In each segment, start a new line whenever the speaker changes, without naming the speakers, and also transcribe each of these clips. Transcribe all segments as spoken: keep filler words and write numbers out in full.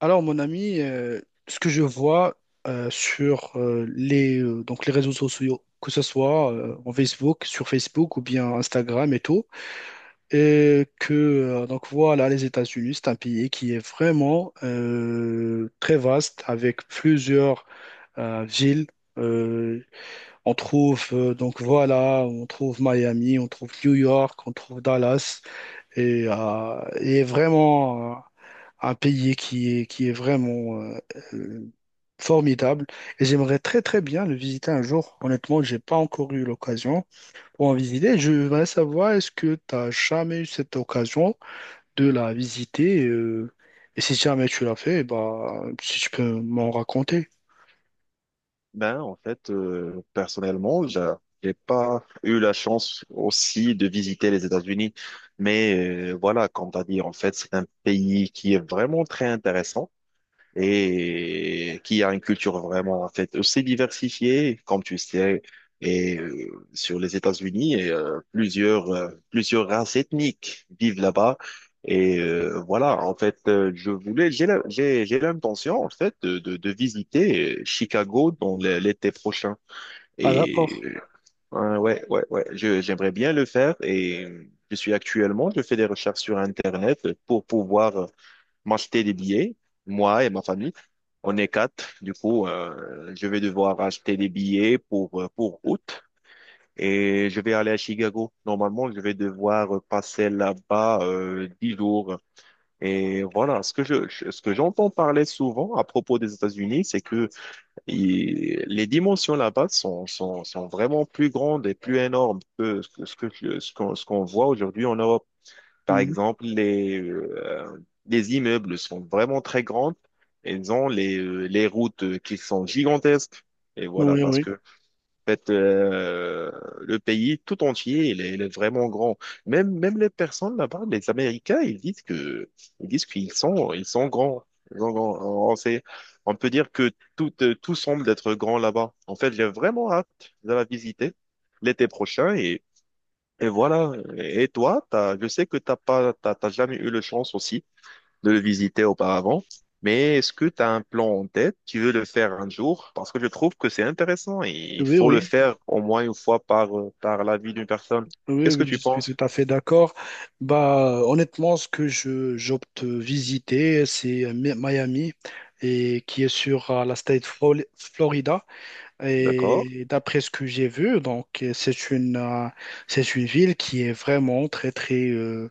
Alors, mon ami, euh, ce que je vois euh, sur euh, les, euh, donc les réseaux sociaux, que ce soit euh, en Facebook, sur Facebook ou bien Instagram et tout, et que euh, donc voilà, les États-Unis, c'est un pays qui est vraiment euh, très vaste avec plusieurs euh, villes. Euh, on trouve euh, donc voilà, on trouve Miami, on trouve New York, on trouve Dallas et, euh, et est vraiment euh, un pays qui est, qui est vraiment euh, euh, formidable. Et j'aimerais très très bien le visiter un jour. Honnêtement, j'ai pas encore eu l'occasion pour en visiter. Je voudrais savoir, est-ce que tu as jamais eu cette occasion de la visiter? Euh, et si jamais tu l'as fait, bah, si tu peux m'en raconter.
Ben, en fait, euh, personnellement, j'a- j'ai pas eu la chance aussi de visiter les États-Unis. Mais euh, voilà, comme tu as dit, en fait, c'est un pays qui est vraiment très intéressant et qui a une culture vraiment en fait aussi diversifiée, comme tu sais, et euh, sur les États-Unis, et, euh, plusieurs euh, plusieurs races ethniques vivent là-bas. Et euh, voilà, en fait, euh, je voulais, j'ai la- j'ai j'ai l'intention en fait de, de, de visiter euh, Chicago dans l- l'été prochain.
Ah,
Et
d'accord.
euh, ouais, ouais, ouais, je, j'aimerais bien le faire. Et euh, je suis actuellement, je fais des recherches sur Internet pour pouvoir euh, m'acheter des billets, moi et ma famille. On est quatre. Du coup, euh, je vais devoir acheter des billets pour, euh, pour août et je vais aller à Chicago. Normalement, je vais devoir passer là-bas euh, dix jours. Et voilà, ce que je, ce que j'entends parler souvent à propos des États-Unis, c'est que il- les dimensions là-bas sont, sont, sont vraiment plus grandes et plus énormes que ce que, ce que- ce qu'on ce qu'on voit aujourd'hui en Europe. Par
Mhm.
exemple, les, euh, les immeubles sont vraiment très grands. Ils ont les, euh, les routes euh, qui sont gigantesques. Et voilà,
Oui,
parce
oui.
que en fait, euh, le pays tout entier, il est, il est vraiment grand. Même, même les personnes là-bas, les Américains, ils disent que, ils disent qu'ils sont, ils sont grands. Ils sont grands. On sait- on peut dire que tout, euh, tout semble être grand là-bas. En fait, j'ai vraiment hâte de la visiter l'été prochain et voilà. Et toi, t'as, je sais que t'as pas, t'as, t'as jamais eu la chance aussi de le visiter auparavant, mais est-ce que tu as un plan en tête? Tu veux le faire un jour? Parce que je trouve que c'est intéressant et il
Oui,
faut
oui.
le faire au moins une fois par, euh, par la vie d'une personne.
Oui,
Qu'est-ce que
oui, je
tu
suis
penses?
tout à fait d'accord. Bah, honnêtement, ce que je j'opte visiter, c'est Mi- Miami et qui est sur euh, la state Fro- Florida.
D'accord,
Et d'après ce que j'ai vu, donc c'est une euh, c'est une ville qui est vraiment très très euh,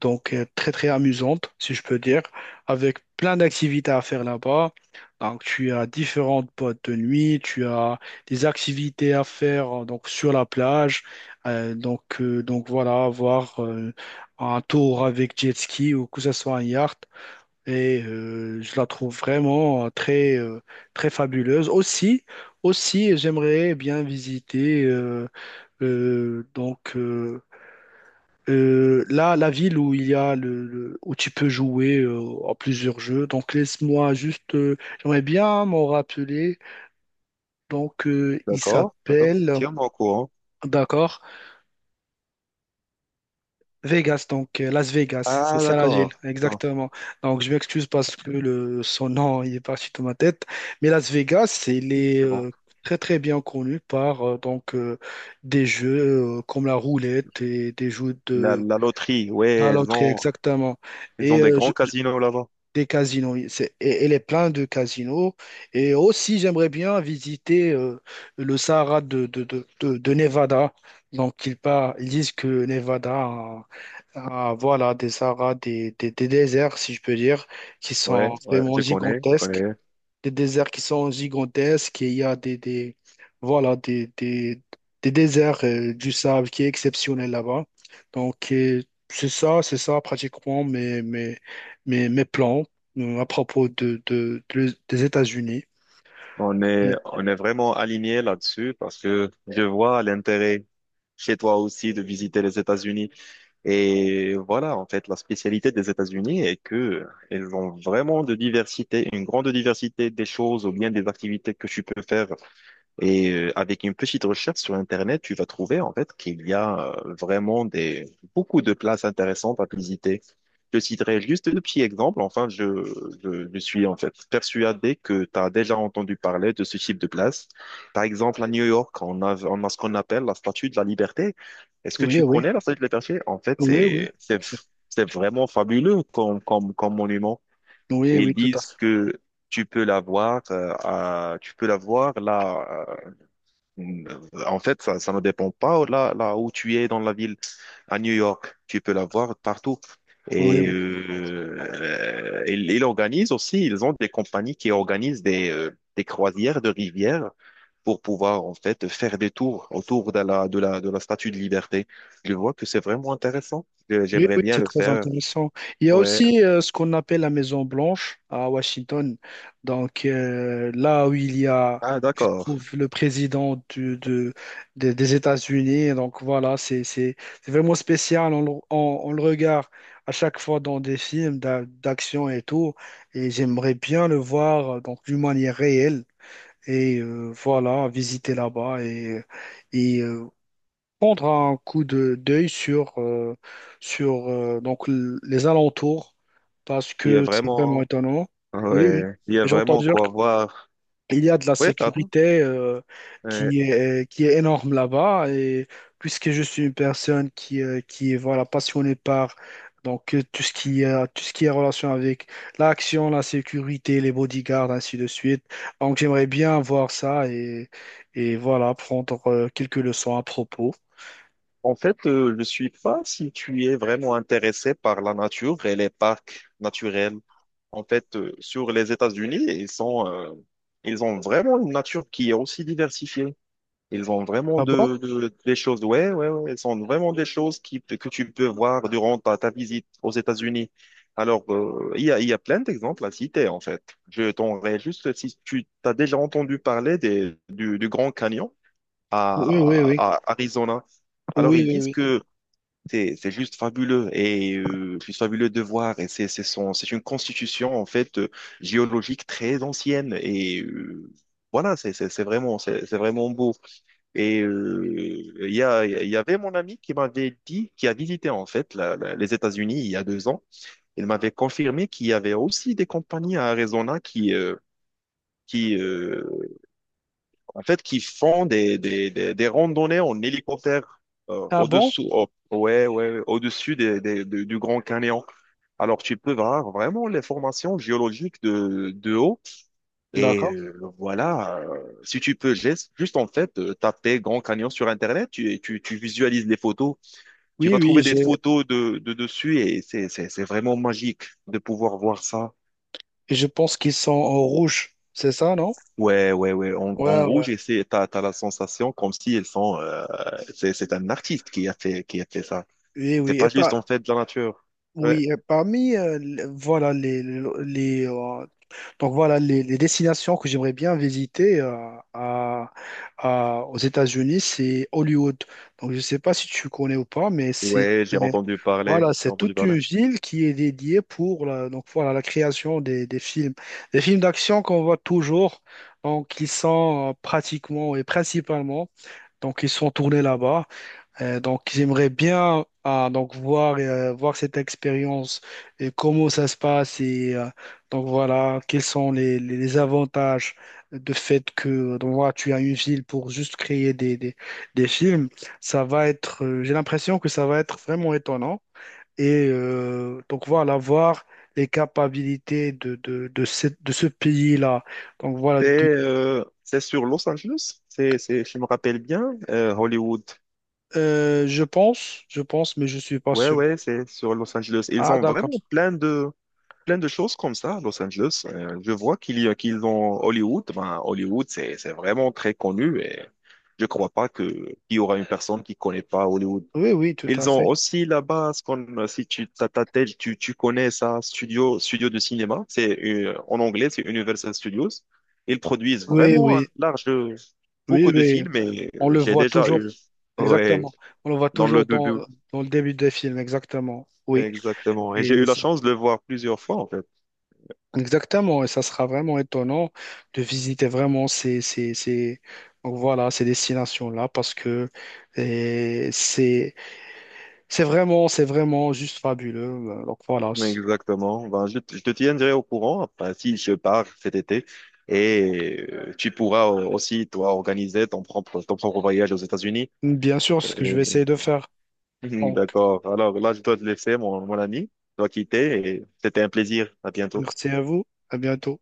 donc euh, très très amusante, si je peux dire, avec plein d'activités à faire là-bas. Donc tu as différentes boîtes de nuit, tu as des activités à faire euh, donc sur la plage. Euh, donc euh, donc voilà, avoir euh, un tour avec jet ski ou que ce soit un yacht. Et euh, je la trouve vraiment euh, très euh, très fabuleuse. Aussi, aussi j'aimerais bien visiter euh, euh, donc euh, euh, là, la ville où il y a le, le- où tu peux jouer euh, à plusieurs jeux. Donc laisse-moi juste, euh, j'aimerais bien m'en rappeler. Donc euh, il
d'accord, d'accord.
s'appelle,
Tiens-moi au courant.
d'accord, Vegas. Donc euh, Las Vegas, c'est
Ah,
ça la ville,
d'accord. Attends,
exactement. Donc je m'excuse parce que le son nom il est parti de ma tête, mais Las Vegas, il est
c'est bon.
euh, très très bien connu par euh, donc euh, des jeux euh, comme la roulette et des jeux
La,
de
la loterie,
la
ouais, ils
loterie,
ont,
exactement.
ils ont
Et
des
euh,
grands casinos là-bas.
Des casinos, oui. C'est, et- elle est pleine de casinos. Et aussi, j'aimerais bien visiter euh, le Sahara de, de, de, de- de Nevada. Donc, ils, par- ils disent que Nevada a, a, voilà, des Sahara, des, des, des déserts, si je peux dire, qui
Ouais,
sont
ouais,
vraiment
je connais, je
gigantesques,
connais.
des déserts qui sont gigantesques et il y a des, des, voilà, des, des, des déserts euh, du sable qui est exceptionnel là-bas. Donc, euh, c'est ça, c'est ça pratiquement mes, mes, mes, mes plans euh, à propos de, de, de- des États-Unis.
On est, on est vraiment aligné là-dessus parce que je vois l'intérêt chez toi aussi de visiter les États-Unis. Et voilà, en fait, la spécialité des États-Unis est que elles ont vraiment de diversité, une grande diversité des choses ou bien des activités que tu peux faire. Et euh, avec une petite recherche sur Internet, tu vas trouver en fait qu'il y a euh, vraiment des, beaucoup de places intéressantes à visiter. Je citerai juste deux petits exemples. Enfin, je, je, je suis en fait persuadé que tu as déjà entendu parler de ce type de place. Par exemple, à New York, on a, on a ce qu'on appelle la Statue de la Liberté. Est-ce que
Oui,
tu
oui,
connais la Statue de la Liberté? En fait,
oui, oui.
c'est, c'est,
C'est-
c'est vraiment fabuleux comme, comme, comme monument.
Oui,
Et ils
oui, tout à
disent
fait.
que tu peux la voir, euh, à- tu peux la voir là. euh, En fait, ça, ça ne dépend pas là, là où tu es dans la ville à New York, tu peux la voir partout. Et
Oui.
euh, ils, ils organisent aussi, ils ont des compagnies qui organisent des, euh, des croisières de rivières pour pouvoir en fait faire des tours autour de la, de la, de la Statue de Liberté. Je vois que c'est vraiment intéressant. Euh,
Oui,
J'aimerais
oui,
bien
c'est
le
très
faire.
intéressant. Il y a
Ouais.
aussi euh, ce qu'on appelle la Maison Blanche à Washington. Donc euh, là où il y a,
Ah,
je
d'accord.
trouve, le président du- de, des des États-Unis. Donc voilà, c'est, c'est, c'est vraiment spécial. On, le on- on le regarde à chaque fois dans des films d'a- d'action et tout. Et j'aimerais bien le voir euh, donc d'une manière réelle. Et euh, voilà, visiter là-bas et, et euh, prendre un coup de d'œil sur, euh, sur euh, donc, l- les alentours parce
Il y a
que c'est vraiment
vraiment,
étonnant. Oui, oui.
ouais, il y a
Et j'entends
vraiment
dire
quoi voir.
qu'il y a de la
Ouais, pardon.
sécurité euh,
Ouais.
qui est, qui est énorme là-bas et puisque je suis une personne qui, euh, qui est voilà, passionnée par donc, euh, tout ce qui a, tout ce qui est relation avec l'action, la sécurité, les bodyguards, ainsi de suite. Donc j'aimerais bien voir ça et, et voilà, prendre euh, quelques leçons à propos.
En fait, euh, je suis pas si tu es vraiment intéressé par la nature et les parcs naturels. En fait, euh, sur les États-Unis, et ils sont, euh, ils ont vraiment une nature qui est aussi diversifiée. Ils ont vraiment
Ah bon?
de, de- des choses, ouais, ouais, ouais, ils sont vraiment des choses qui, que tu peux voir durant ta, ta visite aux États-Unis. Alors, euh, il y a, il y a plein d'exemples à citer, en fait. Je t'enverrai juste si tu as déjà entendu parler des, du, du Grand Canyon
Oui, oui,
à,
oui.
à Arizona. Alors,
Oui,
ils
oui,
disent
oui.
que c'est c'est juste fabuleux et euh, juste fabuleux de voir. Et c'est c'est son- c'est une constitution en fait euh, géologique très ancienne et euh, voilà, c'est c'est- c'est vraiment c'est c'est vraiment beau. Et euh, il y a il y avait mon ami qui m'avait dit qui a visité en fait la- la- les États-Unis il y a deux ans. Il m'avait confirmé qu'il y avait aussi des compagnies à Arizona qui euh, qui euh, en fait, qui font des, des, des, des randonnées en hélicoptère euh,
Ah bon?
au-dessous, oh, ouais, ouais, au-dessus des, des- de- du Grand Canyon. Alors, tu peux voir vraiment les formations géologiques de, de haut. Et
D'accord.
euh, voilà, euh, Si tu peux juste, juste en fait euh, taper Grand Canyon sur Internet, tu, tu, tu visualises les photos, tu
Oui,
vas
oui,
trouver
je,
des photos de, de dessus et c'est, c'est, c'est vraiment magique de pouvoir voir ça.
je pense qu'ils sont en rouge. C'est ça, non?
Ouais, ouais, ouais. En, en
Ouais,
gros,
ouais.
j'essaie, t'as, t'as la sensation comme si elles sont, euh, c'est, c'est un artiste qui a fait, qui a fait ça.
Oui,
C'est
oui. Et
pas
par,
juste, en fait, de la nature. Ouais.
oui, et parmi, euh, les- voilà, les, les, euh, donc voilà, les, les destinations que j'aimerais bien visiter euh, à, à- aux États-Unis, c'est Hollywood. Donc, je sais pas si tu connais ou pas, mais c'est
Ouais, j'ai entendu parler,
voilà,
j'ai
c'est
entendu
toute
parler.
une ville qui est dédiée pour la, donc voilà, la création des, des films. Des films d'action qu'on voit toujours, donc ils sont euh, pratiquement et principalement, donc ils sont tournés là-bas. Euh, donc j'aimerais bien ah, donc voir, euh, voir cette expérience et comment ça se passe et euh, donc voilà, quels sont les, les- les avantages de fait que donc, voilà, tu as une ville pour juste créer des, des, des films. Ça va être, euh, j'ai l'impression que ça va être vraiment étonnant. Et euh, donc voilà, voir les capacités de, de, de, cette- de ce pays-là. Donc voilà,
C'est,
di-
euh, c'est sur Los Angeles. C'est, c'est, si je me rappelle bien, euh, Hollywood.
euh, je pense, je pense, mais je suis pas
Ouais,
sûr.
ouais, c'est sur Los Angeles. Ils
Ah,
ont vraiment
d'accord.
plein de, plein de choses comme ça, à Los Angeles. Euh, je vois qu'il y a, qu'ils ont Hollywood. Ben, Hollywood, c'est, c'est vraiment très connu et je crois pas que, qu'il y aura une personne qui connaît pas Hollywood.
Oui, oui, tout à
Ils ont
fait.
aussi là-bas ce qu'on, si tu t'as ta tête, tu, tu connais ça, studio, studio de cinéma. C'est euh, en anglais, c'est Universal Studios. Ils produisent
Oui,
vraiment un
oui,
large,
oui,
beaucoup de
oui.
films et
On
euh,
le
j'ai
voit
déjà
toujours,
eu, ouais,
exactement. On le voit
dans le
toujours dans,
début.
dans le début des films, exactement. Oui.
Exactement. Et j'ai
Et
eu la
c'est-
chance de le voir plusieurs fois, en fait.
exactement. Et ça sera vraiment étonnant de visiter vraiment ces, ces, ces, donc voilà, ces destinations-là parce que et c'est c'est vraiment, c'est vraiment juste fabuleux. Euh, Donc voilà,
Exactement. Ben, je, te je te tiendrai au courant enfin, si je pars cet été et euh, tu pourras euh, aussi, toi, organiser ton propre, ton propre voyage aux États-Unis.
Bien sûr, ce que je
Et-
vais essayer de faire.
et-
Donc,
D'accord. Alors là, je dois te laisser, mon, mon ami. Je dois quitter et c'était un plaisir. À bientôt.
merci à vous, à bientôt.